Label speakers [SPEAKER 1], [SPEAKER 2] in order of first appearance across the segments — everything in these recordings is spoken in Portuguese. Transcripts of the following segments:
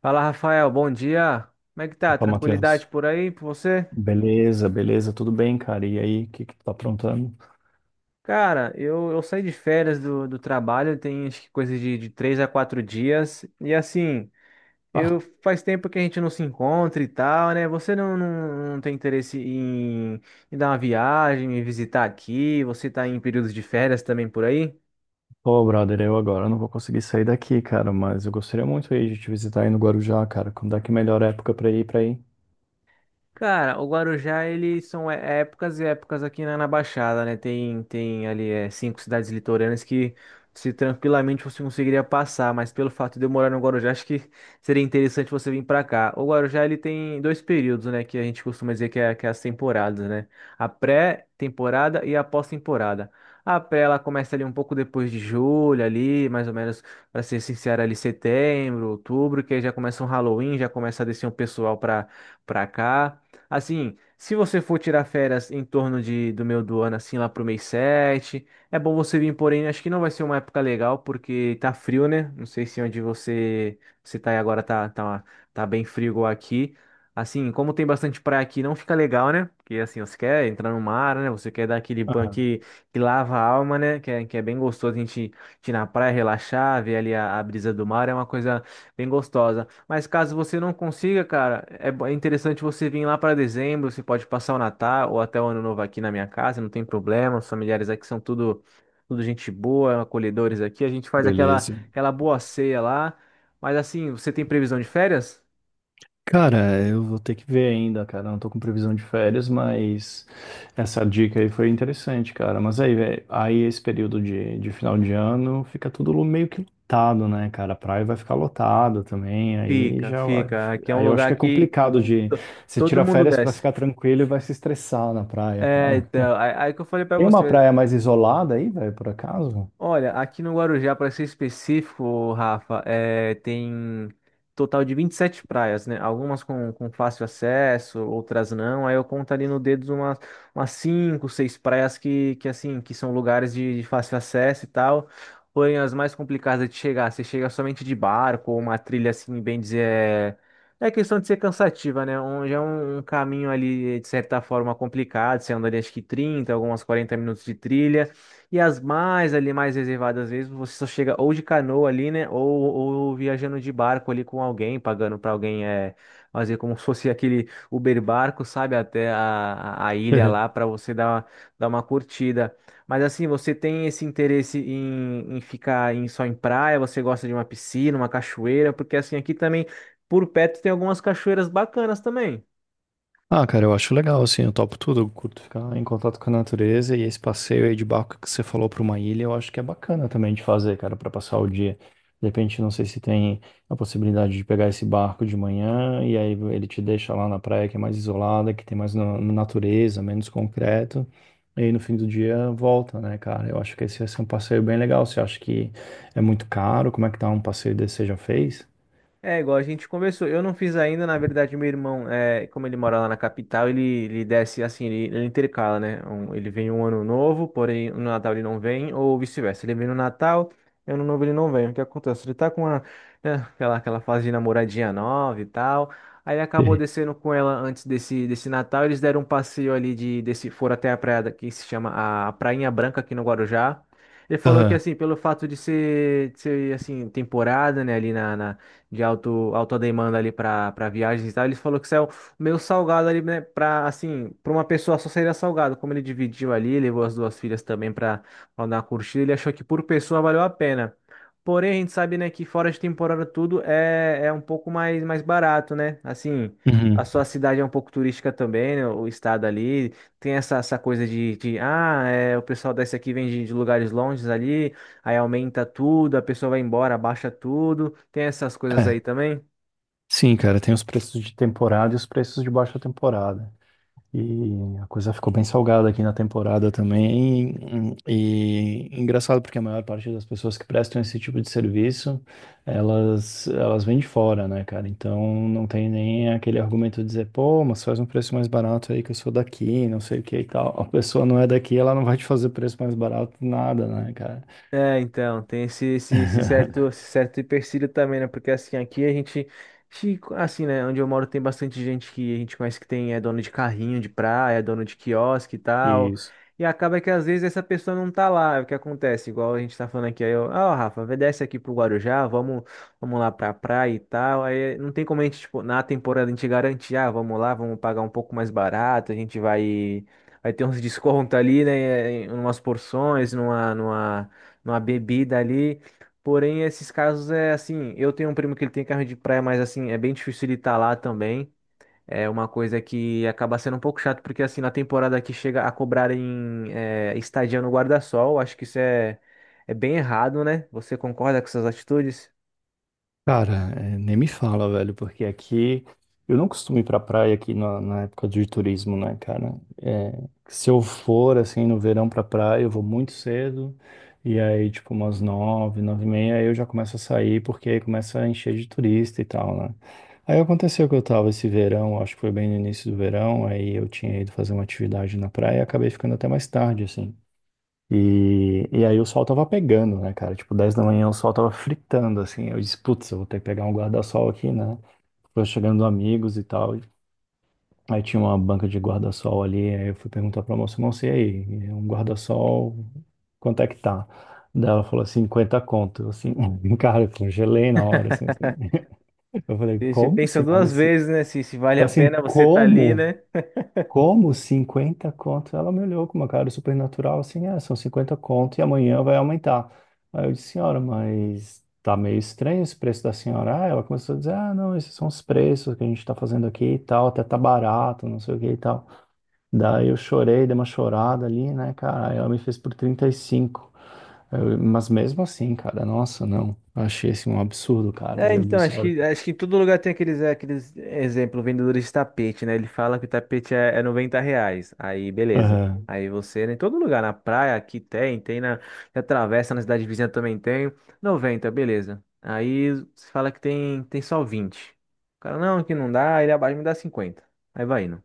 [SPEAKER 1] Fala, Rafael, bom dia. Como é que tá?
[SPEAKER 2] Opa,
[SPEAKER 1] Tranquilidade
[SPEAKER 2] Matheus.
[SPEAKER 1] por aí, por você?
[SPEAKER 2] Beleza, beleza, tudo bem, cara? E aí, o que que tu tá aprontando?
[SPEAKER 1] Cara, eu saí de férias do trabalho, tem acho que coisa de, 3 a 4 dias. E assim,
[SPEAKER 2] Ah,
[SPEAKER 1] eu faz tempo que a gente não se encontra e tal, né? Você não tem interesse em, dar uma viagem, me visitar aqui? Você tá em períodos de férias também por aí?
[SPEAKER 2] pô, brother, eu agora não vou conseguir sair daqui, cara, mas eu gostaria muito aí de te visitar aí no Guarujá, cara. Quando é que é a melhor época pra ir pra aí?
[SPEAKER 1] Cara, o Guarujá, eles são épocas e épocas aqui na Baixada, né? Tem ali cinco cidades litorâneas que se tranquilamente você conseguiria passar, mas pelo fato de eu morar no Guarujá, acho que seria interessante você vir pra cá. O Guarujá, ele tem dois períodos, né? Que a gente costuma dizer que é as temporadas, né? A pré-temporada e a pós-temporada. A pré, ela começa ali um pouco depois de julho, ali, mais ou menos, pra ser sincero, ali setembro, outubro, que aí já começa um Halloween, já começa a descer um pessoal pra, cá. Assim, se você for tirar férias em torno do meio do ano, assim, lá pro mês 7 é bom você vir, porém, acho que não vai ser uma época legal, porque tá frio, né? Não sei se onde você tá aí agora tá, tá bem frio igual aqui. Assim, como tem bastante praia aqui, não fica legal, né? Porque, assim, você quer entrar no mar, né? Você quer dar aquele banho
[SPEAKER 2] Aham.
[SPEAKER 1] que lava a alma, né? Que é bem gostoso a gente ir na praia, relaxar, ver ali a brisa do mar, é uma coisa bem gostosa. Mas caso você não consiga, cara, é interessante você vir lá para dezembro. Você pode passar o Natal ou até o Ano Novo aqui na minha casa, não tem problema. Os familiares aqui são tudo gente boa, acolhedores aqui. A gente faz aquela,
[SPEAKER 2] Beleza.
[SPEAKER 1] aquela boa ceia lá. Mas assim, você tem previsão de férias?
[SPEAKER 2] Cara, eu vou ter que ver ainda, cara. Não tô com previsão de férias, mas essa dica aí foi interessante, cara. Mas aí, velho, aí esse período de final de ano fica tudo meio que lotado, né, cara? A praia vai ficar lotada também. Aí
[SPEAKER 1] Fica,
[SPEAKER 2] já,
[SPEAKER 1] fica. Aqui é um
[SPEAKER 2] aí eu acho
[SPEAKER 1] lugar
[SPEAKER 2] que é
[SPEAKER 1] que
[SPEAKER 2] complicado de
[SPEAKER 1] to-
[SPEAKER 2] você
[SPEAKER 1] todo
[SPEAKER 2] tira
[SPEAKER 1] mundo
[SPEAKER 2] férias pra
[SPEAKER 1] desce.
[SPEAKER 2] ficar tranquilo e vai se estressar na praia,
[SPEAKER 1] É,
[SPEAKER 2] cara.
[SPEAKER 1] então, aí que eu falei para
[SPEAKER 2] Tem uma
[SPEAKER 1] você.
[SPEAKER 2] praia mais isolada aí, velho, por acaso?
[SPEAKER 1] Olha, aqui no Guarujá, para ser específico, Rafa, tem total de 27 praias, né? Algumas com fácil acesso, outras não. Aí eu conto ali no dedo umas 5, 6 praias que, assim, que são lugares de fácil acesso e tal. Porém, as mais complicadas de chegar, você chega somente de barco ou uma trilha, assim, bem dizer, é questão de ser cansativa, né? Já é um caminho ali, de certa forma, complicado. Você anda ali, acho que 30, algumas 40 minutos de trilha. E as mais ali, mais reservadas, às vezes você só chega ou de canoa ali, né? Ou viajando de barco ali com alguém, pagando para alguém fazer como se fosse aquele Uber barco, sabe? Até a ilha lá para você dar uma curtida. Mas assim, você tem esse interesse em ficar só em praia? Você gosta de uma piscina, uma cachoeira? Porque assim, aqui também, por perto, tem algumas cachoeiras bacanas também.
[SPEAKER 2] Ah, cara, eu acho legal, assim, eu topo tudo, eu curto ficar em contato com a natureza e esse passeio aí de barco que você falou para uma ilha, eu acho que é bacana também de fazer, cara, para passar o dia. De repente, não sei se tem a possibilidade de pegar esse barco de manhã e aí ele te deixa lá na praia que é mais isolada, que tem mais na natureza, menos concreto, e aí no fim do dia volta, né, cara? Eu acho que esse vai ser um passeio bem legal. Você acha que é muito caro? Como é que tá um passeio desse você já fez?
[SPEAKER 1] É, igual a gente conversou. Eu não fiz ainda, na verdade, meu irmão, é, como ele mora lá na capital, ele desce assim, ele intercala, né? Ele vem um ano novo, porém no Natal ele não vem, ou vice-versa. Ele vem no Natal, ano novo ele não vem. O que acontece? Ele tá com né, aquela fase de namoradinha nova e tal. Aí ele acabou
[SPEAKER 2] Sim.
[SPEAKER 1] descendo com ela antes desse Natal. Eles deram um passeio ali foram até a praia que se chama a Prainha Branca aqui no Guarujá. Ele falou que
[SPEAKER 2] Aham.
[SPEAKER 1] assim, pelo fato de ser assim, temporada, né, ali de alta demanda ali para viagens e tal. Ele falou que isso é o meio salgado ali, né? Para assim, para uma pessoa só seria salgado. Como ele dividiu ali, levou as duas filhas também para dar uma curtida, ele achou que por pessoa valeu a pena. Porém, a gente sabe, né, que fora de temporada tudo é um pouco mais barato, né? Assim, a
[SPEAKER 2] Uhum.
[SPEAKER 1] sua cidade é um pouco turística também, né? O estado ali tem essa coisa, o pessoal desce aqui vem de lugares longes ali, aí aumenta tudo, a pessoa vai embora, abaixa tudo. Tem essas coisas aí
[SPEAKER 2] É.
[SPEAKER 1] também?
[SPEAKER 2] Sim, cara, tem os preços de temporada e os preços de baixa temporada. E a coisa ficou bem salgada aqui na temporada também. E engraçado porque a maior parte das pessoas que prestam esse tipo de serviço, elas vêm de fora, né, cara? Então não tem nem aquele argumento de dizer, pô, mas faz um preço mais barato aí que eu sou daqui, não sei o que e tal. A pessoa não é daqui, ela não vai te fazer preço mais barato nada, né, cara?
[SPEAKER 1] É, então, tem esse, esse, esse certo, esse certo empecilho também, né? Porque assim, aqui a gente, assim, né? Onde eu moro tem bastante gente que a gente conhece que é dono de carrinho de praia, é dono de quiosque e tal.
[SPEAKER 2] E
[SPEAKER 1] E acaba que às vezes essa pessoa não tá lá. O que acontece? Igual a gente tá falando aqui, aí eu, ah, Rafa, vê, desce aqui pro Guarujá, vamos lá pra praia e tal. Aí não tem como a gente, tipo, na temporada a gente garantir, ah, vamos lá, vamos pagar um pouco mais barato, a gente vai. Vai ter uns descontos ali, né? Em umas porções, numa bebida ali. Porém, esses casos é assim, eu tenho um primo que ele tem carro de praia, mas assim, é bem difícil ele estar lá também. É uma coisa que acaba sendo um pouco chato, porque assim, na temporada aqui chega a cobrarem estadia no guarda-sol, acho que é bem errado, né? Você concorda com essas atitudes?
[SPEAKER 2] cara, é, nem me fala, velho, porque aqui eu não costumo ir pra praia aqui na época de turismo, né, cara? É, se eu for, assim, no verão pra praia, eu vou muito cedo, e aí, tipo, umas nove, nove e meia, aí eu já começo a sair, porque aí começa a encher de turista e tal, né? Aí aconteceu que eu tava esse verão, acho que foi bem no início do verão, aí eu tinha ido fazer uma atividade na praia e acabei ficando até mais tarde, assim. E aí o sol tava pegando, né, cara? Tipo, 10 da manhã o sol tava fritando, assim. Eu disse, putz, eu vou ter que pegar um guarda-sol aqui, né? Foi chegando amigos e tal. Aí tinha uma banca de guarda-sol ali. Aí eu fui perguntar pra moça, moça, e aí? Um guarda-sol, quanto é que tá? Daí ela falou, 50 conto. Eu, assim, cara, eu congelei na hora, assim, assim. Eu falei,
[SPEAKER 1] E você
[SPEAKER 2] como,
[SPEAKER 1] pensa
[SPEAKER 2] senhora?
[SPEAKER 1] duas
[SPEAKER 2] Assim,
[SPEAKER 1] vezes, né? Se vale
[SPEAKER 2] eu,
[SPEAKER 1] a
[SPEAKER 2] assim,
[SPEAKER 1] pena você estar ali,
[SPEAKER 2] como?
[SPEAKER 1] né?
[SPEAKER 2] Como 50 conto? Ela me olhou com uma cara super natural, assim, é, são 50 conto e amanhã vai aumentar. Aí eu disse, senhora, mas tá meio estranho esse preço da senhora. Ah, ela começou a dizer, ah, não, esses são os preços que a gente tá fazendo aqui e tal, até tá barato, não sei o que e tal. Daí eu chorei, dei uma chorada ali, né, cara, aí ela me fez por 35. Eu, mas mesmo assim, cara, nossa, não, eu achei assim um absurdo, cara.
[SPEAKER 1] É,
[SPEAKER 2] Aí eu
[SPEAKER 1] então,
[SPEAKER 2] disse,
[SPEAKER 1] acho
[SPEAKER 2] olha,
[SPEAKER 1] que, acho que em todo lugar tem aqueles, aqueles exemplo, vendedores de tapete, né? Ele fala que o tapete é R$ 90. Aí, beleza.
[SPEAKER 2] aham,
[SPEAKER 1] Aí você, né, em todo lugar, na praia, aqui tem na travessa, na cidade vizinha também tem. 90, beleza. Aí você fala que tem só 20. O cara, não, que não dá, ele abaixa, me dá 50. Aí vai indo.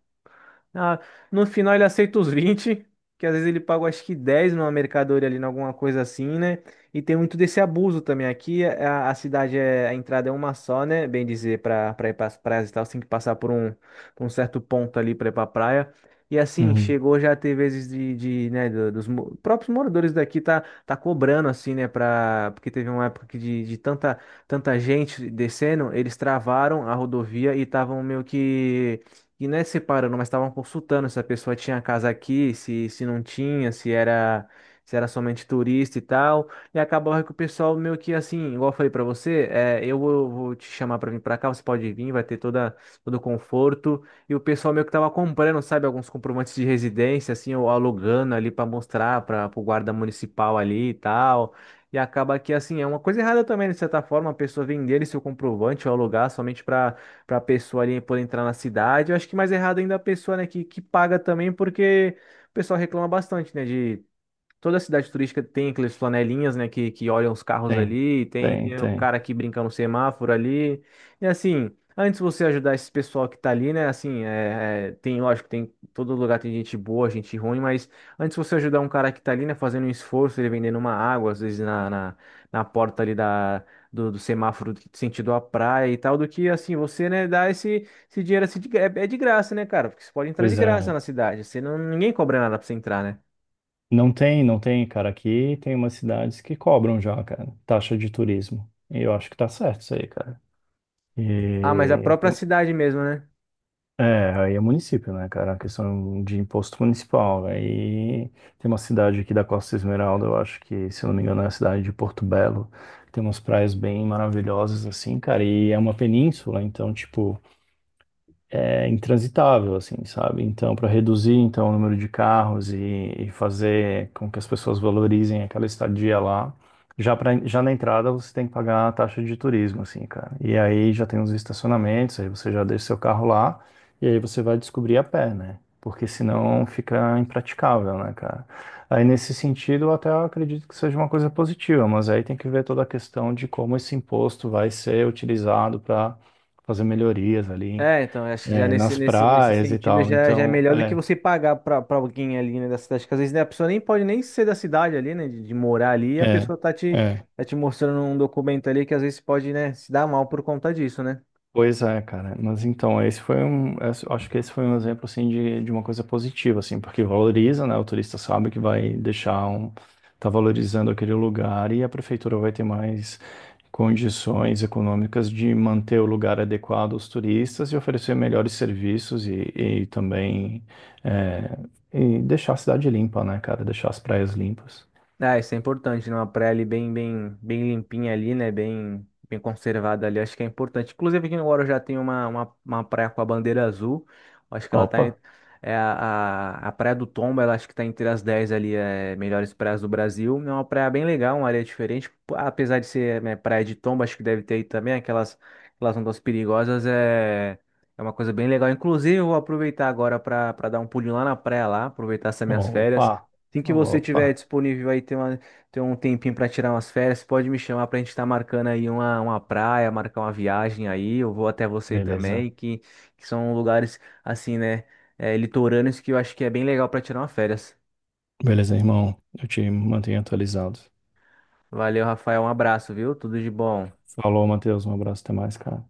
[SPEAKER 1] Ah, no final ele aceita os 20, que às vezes ele paga acho que 10 numa mercadoria ali, em alguma coisa assim, né? E tem muito desse abuso também. Aqui a cidade, a entrada é uma só, né? Bem dizer, para pra pra ir para as praias e tal, você tem que passar por um certo ponto ali para ir para praia. E assim,
[SPEAKER 2] uhum,
[SPEAKER 1] chegou já teve vezes né, próprios moradores daqui tá cobrando assim, né, porque teve uma época que de tanta gente descendo, eles travaram a rodovia e estavam meio que, e não é separando, mas estavam consultando se a pessoa tinha casa aqui, se não tinha, se era somente turista e tal. E acabou que o pessoal meio que assim, igual eu falei pra você, eu vou te chamar pra vir pra cá, você pode vir, vai ter todo o conforto. E o pessoal meio que tava comprando, sabe, alguns comprovantes de residência, assim, ou alugando ali pra mostrar para o guarda municipal ali e tal. E acaba que, assim, é uma coisa errada também, de certa forma, a pessoa vender esse seu comprovante ou alugar somente para a pessoa ali poder entrar na cidade. Eu acho que mais errado ainda a pessoa, né, que paga também, porque o pessoal reclama bastante, né, de toda cidade turística tem aqueles flanelinhas, né, que olham os carros
[SPEAKER 2] tem,
[SPEAKER 1] ali, tem,
[SPEAKER 2] tem,
[SPEAKER 1] tem o
[SPEAKER 2] tem.
[SPEAKER 1] cara aqui brincando no semáforo ali. E assim, antes de você ajudar esse pessoal que tá ali, né, assim, tem, lógico, todo lugar tem gente boa, gente ruim, mas antes de você ajudar um cara que tá ali, né, fazendo um esforço, ele vendendo uma água, às vezes na porta ali do semáforo sentido à praia e tal, do que, assim, você, né, dar esse dinheiro, assim, de graça, né, cara, porque você pode entrar de
[SPEAKER 2] Pois é,
[SPEAKER 1] graça
[SPEAKER 2] velho.
[SPEAKER 1] na cidade, você não, ninguém cobra nada pra você entrar, né?
[SPEAKER 2] Não tem, não tem, cara. Aqui tem umas cidades que cobram já, cara, taxa de turismo. E eu acho que tá certo isso aí, cara.
[SPEAKER 1] Ah, mas a
[SPEAKER 2] E
[SPEAKER 1] própria cidade mesmo, né?
[SPEAKER 2] é, aí é município, né, cara? A questão de imposto municipal. Aí tem uma cidade aqui da Costa Esmeralda, eu acho que, se eu não me engano, é a cidade de Porto Belo. Tem umas praias bem maravilhosas, assim, cara. E é uma península, então, tipo. É intransitável, assim, sabe? Então, para reduzir então o número de carros e fazer com que as pessoas valorizem aquela estadia lá, já na entrada você tem que pagar a taxa de turismo, assim, cara. E aí já tem os estacionamentos, aí você já deixa seu carro lá e aí você vai descobrir a pé, né? Porque senão fica impraticável, né, cara? Aí nesse sentido, eu até acredito que seja uma coisa positiva, mas aí tem que ver toda a questão de como esse imposto vai ser utilizado para fazer melhorias ali
[SPEAKER 1] É, então, acho que já
[SPEAKER 2] é,
[SPEAKER 1] nesse,
[SPEAKER 2] nas
[SPEAKER 1] nesse, nesse
[SPEAKER 2] praias e
[SPEAKER 1] sentido
[SPEAKER 2] tal.
[SPEAKER 1] já é
[SPEAKER 2] Então,
[SPEAKER 1] melhor do que
[SPEAKER 2] é,
[SPEAKER 1] você pagar pra alguém ali, né, da cidade, que às vezes né, a pessoa nem pode nem ser da cidade ali, né, de morar ali, e a
[SPEAKER 2] é,
[SPEAKER 1] pessoa tá te,
[SPEAKER 2] é.
[SPEAKER 1] tá te mostrando um documento ali que às vezes pode, né, se dar mal por conta disso, né?
[SPEAKER 2] Pois é, cara. Mas então, esse foi um, acho que esse foi um exemplo, assim, de uma coisa positiva, assim, porque valoriza, né? O turista sabe que vai deixar um, tá valorizando aquele lugar e a prefeitura vai ter mais condições econômicas de manter o lugar adequado aos turistas e oferecer melhores serviços e também é, e deixar a cidade limpa, né, cara? Deixar as praias limpas.
[SPEAKER 1] Ah, isso é importante, né? Uma praia ali bem, bem, bem limpinha ali, né? Bem, bem conservada ali, acho que é importante. Inclusive aqui no Guarujá tem uma praia com a bandeira azul, acho que ela tá,
[SPEAKER 2] Opa!
[SPEAKER 1] é a Praia do Tomba, ela acho que tá entre as 10 ali, melhores praias do Brasil. É uma praia bem legal, uma areia diferente. Pô, apesar de ser, né, praia de Tomba, acho que deve ter aí também aquelas ondas perigosas, é uma coisa bem legal. Inclusive, eu vou aproveitar agora para dar um pulinho lá na praia lá, aproveitar essas minhas
[SPEAKER 2] Opa,
[SPEAKER 1] férias. Assim que você
[SPEAKER 2] opa,
[SPEAKER 1] tiver disponível aí, ter uma, ter um tempinho para tirar umas férias, pode me chamar para a gente estar marcando aí uma praia, marcar uma viagem aí. Eu vou até você
[SPEAKER 2] beleza.
[SPEAKER 1] também, que são lugares assim, né, litorâneos que eu acho que é bem legal para tirar uma férias.
[SPEAKER 2] Beleza, irmão. Eu te mantenho atualizado.
[SPEAKER 1] Valeu, Rafael, um abraço, viu? Tudo de bom.
[SPEAKER 2] Falou, Matheus. Um abraço, até mais, cara.